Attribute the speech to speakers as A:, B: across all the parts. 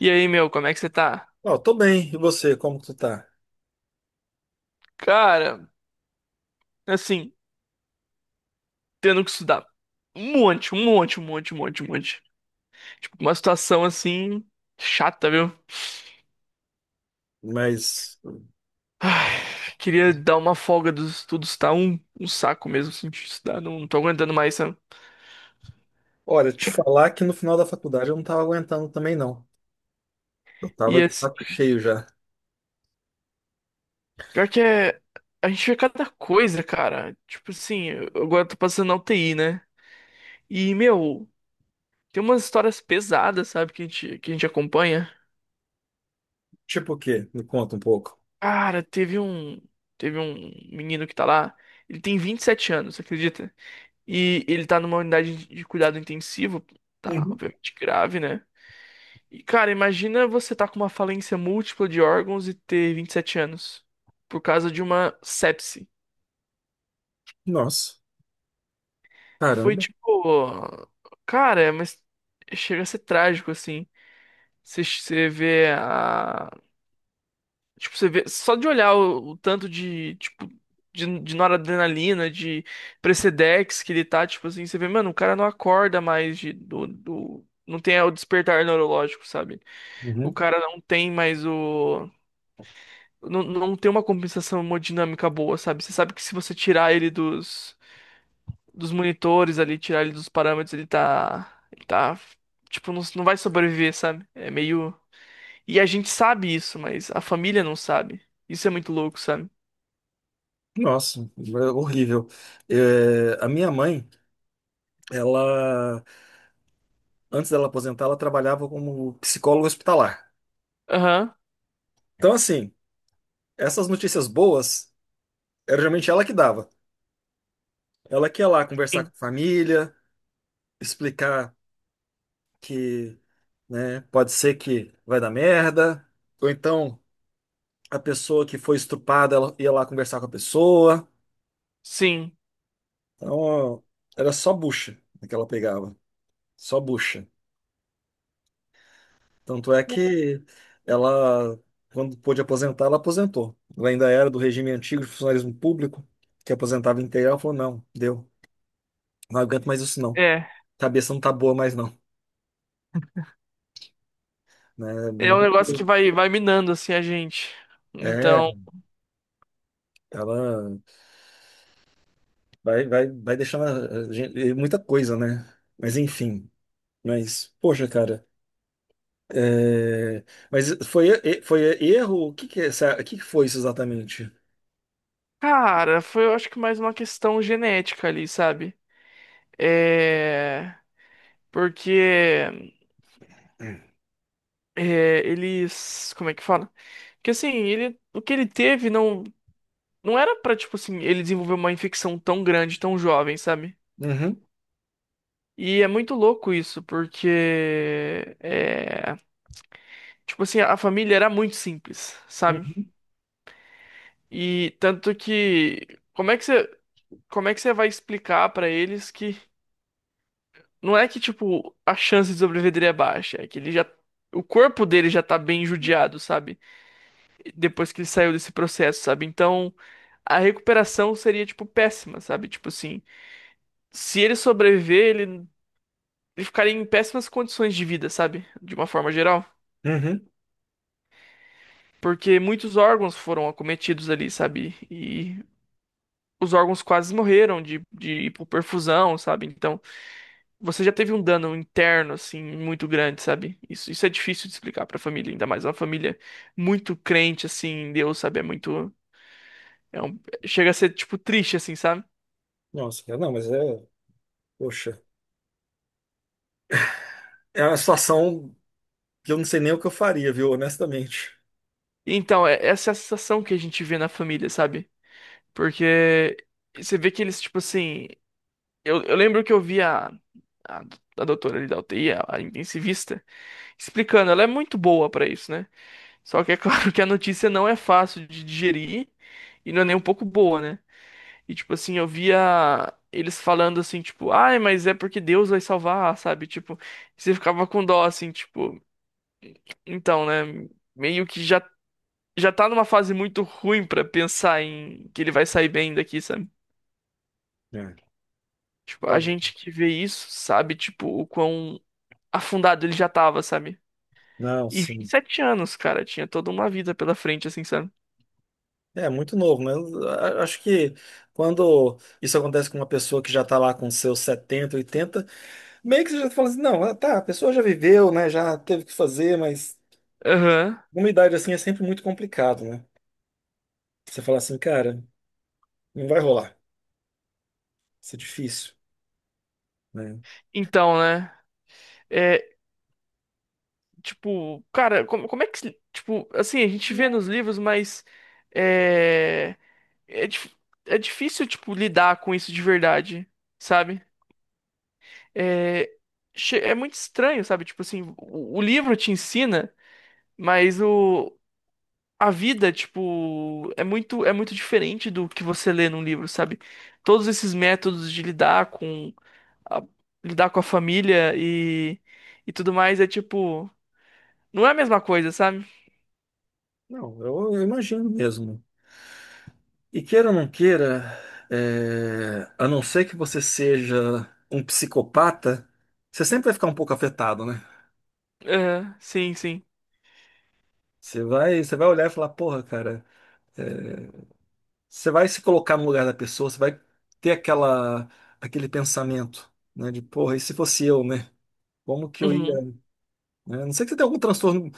A: E aí, meu, como é que você tá?
B: Ó, tô bem. E você, como que tu tá?
A: Cara, assim, tendo que estudar um monte, um monte, um monte, um monte, um monte. Tipo, uma situação assim, chata, viu?
B: Mas,
A: Ai, queria dar uma folga dos estudos, tá? Um saco mesmo, assim, de estudar, não tô aguentando mais, sabe?
B: olha, te falar que no final da faculdade eu não tava aguentando também, não. Eu tava
A: E
B: de saco
A: assim,
B: cheio já.
A: pior que é. A gente vê cada coisa, cara. Tipo assim, agora eu tô passando na UTI, né? E, meu, tem umas histórias pesadas, sabe, que a gente acompanha.
B: Tipo o quê? Me conta um pouco.
A: Cara, teve um menino que tá lá. Ele tem 27 anos, acredita? E ele tá numa unidade de cuidado intensivo. Tá,
B: Uhum.
A: obviamente grave, né? E, cara, imagina você tá com uma falência múltipla de órgãos e ter 27 anos. Por causa de uma sepse.
B: Nossa,
A: Foi
B: caramba.
A: tipo. Cara, mas chega a ser trágico, assim. Você você vê a Tipo, você vê, só de olhar o tanto de, tipo, de noradrenalina, de Precedex que ele tá, tipo assim, você vê, mano, o cara não acorda mais não tem o despertar neurológico, sabe? O
B: Uhum.
A: cara não tem mais o, não tem uma compensação hemodinâmica boa, sabe? Você sabe que se você tirar ele dos monitores ali, tirar ele dos parâmetros, ele tá, tipo, não vai sobreviver, sabe? É meio, e a gente sabe isso, mas a família não sabe. Isso é muito louco, sabe?
B: Nossa, é horrível. É, a minha mãe, ela, antes dela aposentar, ela trabalhava como psicóloga hospitalar.
A: Aham.
B: Então, assim, essas notícias boas, era geralmente ela que dava. Ela que ia lá conversar com
A: Sim.
B: a família, explicar que, né? Pode ser que vai dar merda, ou então a pessoa que foi estuprada, ela ia lá conversar com a pessoa.
A: Sim.
B: Então, era só bucha, né, que ela pegava, só bucha. Tanto é que ela, quando pôde aposentar, ela aposentou. Ela ainda era do regime antigo de funcionalismo público, que aposentava integral. Ela falou, não, deu, não aguento mais isso não.
A: É.
B: Cabeça não tá boa mais não. Né?
A: É um negócio que vai minando, assim, a gente.
B: É,
A: Então,
B: ela vai muita coisa, né? Mas enfim. Mas, poxa, cara. é, Mas foi erro? O que que é essa... o que que foi isso exatamente?
A: cara, eu acho que mais uma questão genética ali, sabe? É. Porque é, eles. Como é que fala? Que assim, o que ele teve não era pra, tipo assim, ele desenvolver uma infecção tão grande, tão jovem, sabe?
B: Uhum,
A: E é muito louco isso, porque. É, tipo assim, a família era muito simples, sabe?
B: uhum,
A: E tanto que. Como é que você. Como é que você vai explicar pra eles que não é que tipo a chance de sobreviver dele é baixa, é que ele já o corpo dele já tá bem judiado, sabe? Depois que ele saiu desse processo, sabe? Então, a recuperação seria tipo péssima, sabe? Tipo assim, se ele sobreviver, ele ficaria em péssimas condições de vida, sabe? De uma forma geral,
B: uhum.
A: porque muitos órgãos foram acometidos ali, sabe? E os órgãos quase morreram de hipoperfusão, sabe? Então, você já teve um dano interno, assim, muito grande, sabe? Isso é difícil de explicar pra família, ainda mais uma família muito crente, assim, em Deus, sabe? É muito. É um, chega a ser, tipo, triste, assim, sabe?
B: Nossa, cara, não, mas é. Poxa. É uma situação que eu não sei nem o que eu faria, viu? Honestamente.
A: Então, é, essa é a sensação que a gente vê na família, sabe? Porque você vê que eles, tipo assim. Eu lembro que eu vi a doutora ali da UTI, a intensivista, explicando. Ela é muito boa pra isso, né? Só que é claro que a notícia não é fácil de digerir e não é nem um pouco boa, né? E, tipo assim, eu via eles falando assim, tipo, ai, mas é porque Deus vai salvar, sabe? Tipo, você ficava com dó, assim, tipo, então, né? Meio que já tá numa fase muito ruim pra pensar em que ele vai sair bem daqui, sabe?
B: É.
A: Tipo, a
B: Olha,
A: gente que vê isso sabe, tipo, o quão afundado ele já tava, sabe?
B: não,
A: E vinte e
B: sim.
A: sete anos, cara, tinha toda uma vida pela frente, assim, sabe?
B: É muito novo, né? Acho que quando isso acontece com uma pessoa que já está lá com seus 70, 80, meio que você já fala assim, não, ah, tá, a pessoa já viveu, né? Já teve o que fazer, mas
A: Aham.
B: uma idade assim é sempre muito complicado, né? Você fala assim, cara, não vai rolar, isso é difícil, né?
A: Então, né? É, tipo, cara, como é que. Tipo, assim, a gente vê nos livros, mas. É. É, dif- é difícil, tipo, lidar com isso de verdade, sabe? É. É muito estranho, sabe? Tipo assim, o livro te ensina, mas o. A vida, tipo, é muito diferente do que você lê num livro, sabe? Todos esses métodos de lidar com a, lidar com a, família e tudo mais é tipo, não é a mesma coisa, sabe?
B: Não, eu imagino mesmo. E queira ou não queira, a não ser que você seja um psicopata, você sempre vai ficar um pouco afetado, né?
A: É, sim, sim.
B: Você vai olhar e falar, porra, cara, é, você vai se colocar no lugar da pessoa, você vai ter aquela, aquele pensamento, né? De, porra, e se fosse eu, né? Como que eu ia,
A: Uhum.
B: né? A não ser que você tenha algum transtorno,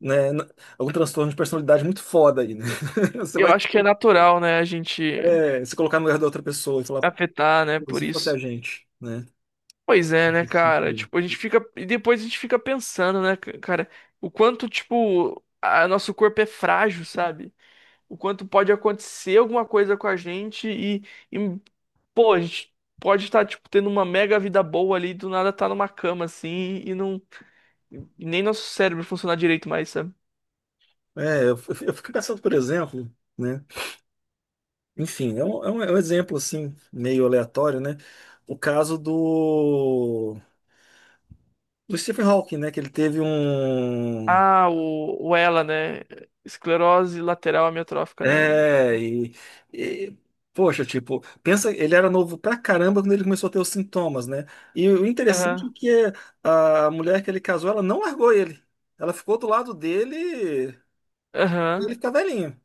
B: né? Algum transtorno de personalidade muito foda aí, né? Você
A: Eu
B: vai
A: acho que é natural, né, a gente
B: se colocar no lugar da outra pessoa e falar,
A: afetar, né,
B: "Pô,
A: por
B: se fosse a
A: isso.
B: gente, né?
A: Pois é, né,
B: Nesse
A: cara?
B: sentido.
A: Tipo, a gente fica. E depois a gente fica pensando, né, cara, o quanto, tipo, a nosso corpo é frágil, sabe? O quanto pode acontecer alguma coisa com a gente e pô, a gente pode estar, tipo, tendo uma mega vida boa ali, do nada tá numa cama, assim, e não. E nem nosso cérebro funcionar direito mais, sabe?
B: É, eu fico pensando, por exemplo, né? Enfim, é um exemplo assim, meio aleatório, né? O caso do Stephen Hawking, né? Que ele teve um.
A: Ah, o ELA, né? Esclerose lateral amiotrófica, né?
B: É, e, poxa, tipo, pensa, ele era novo pra caramba quando ele começou a ter os sintomas, né? E o interessante
A: Aham.
B: é que a mulher que ele casou, ela não largou ele. Ela ficou do lado dele e
A: Aham.
B: ele fica velhinho.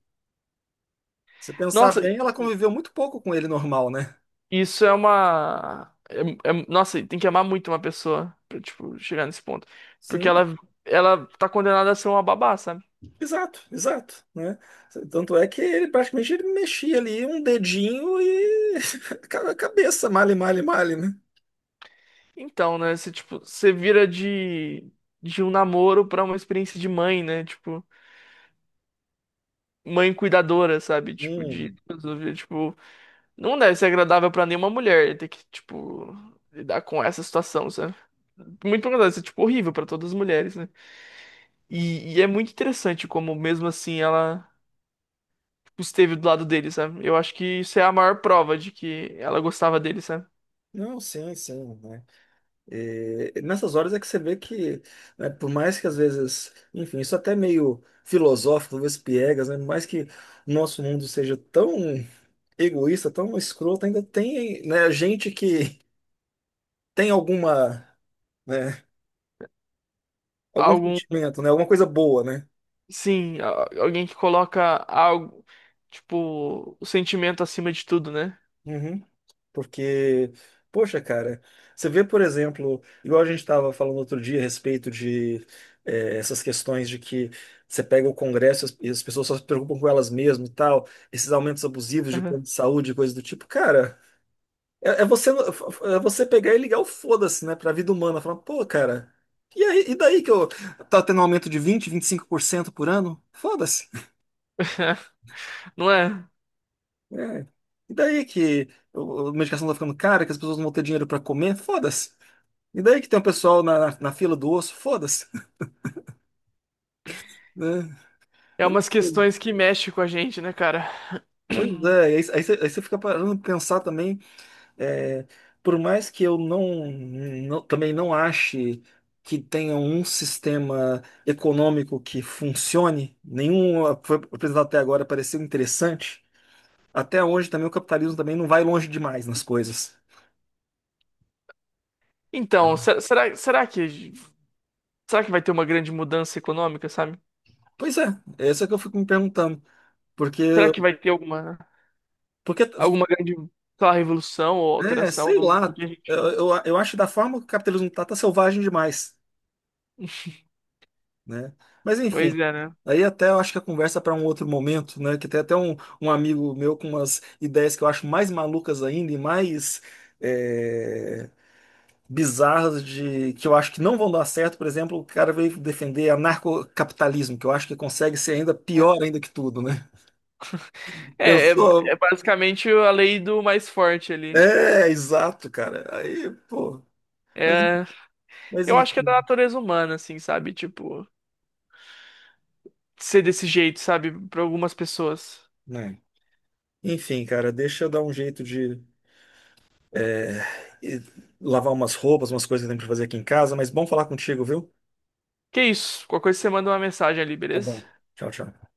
B: Se pensar
A: Nossa,
B: bem, ela conviveu muito pouco com ele normal, né?
A: isso é uma. Nossa, tem que amar muito uma pessoa pra, tipo, chegar nesse ponto. Porque
B: Sim,
A: ela tá condenada a ser uma babá, sabe?
B: exato, exato, né? Tanto é que ele praticamente ele mexia ali um dedinho e a cabeça, male, male, male, né?
A: Então, né? Você, tipo, você vira de um namoro pra uma experiência de mãe, né? Tipo, mãe cuidadora, sabe? Tipo, de.
B: Hum.
A: Resolver. Tipo, não deve ser agradável pra nenhuma mulher ter que, tipo, lidar com essa situação, sabe? Muito pelo contrário, isso é, tipo, horrível pra todas as mulheres, né? E é muito interessante como, mesmo assim, ela. Esteve do lado dele, sabe? Eu acho que isso é a maior prova de que ela gostava dele, sabe?
B: Não, sim, sim, né? E nessas horas é que você vê que, né, por mais que às vezes, enfim, isso até é meio filosófico, talvez piegas, né? Por mais que o nosso mundo seja tão egoísta, tão escroto, ainda tem, né, gente que tem alguma, né? Algum
A: Algum,
B: sentimento, né? Alguma coisa boa, né?
A: sim, alguém que coloca algo, tipo, o sentimento acima de tudo, né?
B: Uhum. Porque, poxa, cara, você vê, por exemplo, igual a gente estava falando outro dia a respeito de essas questões de que você pega o Congresso e as pessoas só se preocupam com elas mesmas e tal, esses aumentos abusivos de
A: Aham.
B: plano de saúde, coisa do tipo, cara, é você pegar e ligar o foda-se, né, pra vida humana, falar, pô, cara, e aí, e daí que eu tá tendo um aumento de 20, 25% por ano? Foda-se.
A: Não é?
B: É. E daí que a medicação tá ficando cara, que as pessoas não vão ter dinheiro pra comer? Foda-se. E daí que tem um pessoal na fila do osso? Foda-se. Né?
A: É
B: Eu,
A: umas questões que mexem com a gente, né, cara?
B: pois é, aí, aí você fica parando de pensar também, é, por mais que eu também não ache que tenha um sistema econômico que funcione, nenhum foi apresentado até agora pareceu interessante, até hoje também o capitalismo também não vai longe demais nas coisas.
A: Então, será que será que vai ter uma grande mudança econômica, sabe?
B: Pois é, é isso que eu fico me perguntando. Porque,
A: Será que vai ter alguma
B: porque,
A: alguma grande, sei lá, revolução ou
B: né,
A: alteração
B: sei
A: no
B: lá,
A: que a gente.
B: eu acho que da forma que o capitalismo tá selvagem demais, né? Mas
A: Pois
B: enfim,
A: é, né?
B: aí até eu acho que a conversa para um outro momento, né? Que tem até um amigo meu com umas ideias que eu acho mais malucas ainda e mais é, bizarras de que eu acho que não vão dar certo. Por exemplo, o cara veio defender anarcocapitalismo, que eu acho que consegue ser ainda pior ainda que tudo, né?
A: É, é,
B: Pensou?
A: é basicamente a lei do mais forte ali.
B: É, exato, cara. Aí, pô, mas,
A: É,
B: mas
A: eu acho que é da
B: enfim,
A: natureza humana, assim, sabe? Tipo, ser desse jeito, sabe? Pra algumas pessoas.
B: né? Enfim, cara, deixa eu dar um jeito de é, e- lavar umas roupas, umas coisas que eu tenho pra fazer aqui em casa, mas bom falar contigo, viu?
A: Que isso? Qualquer coisa você manda uma mensagem ali,
B: Tá
A: beleza?
B: bom. Tchau, tchau.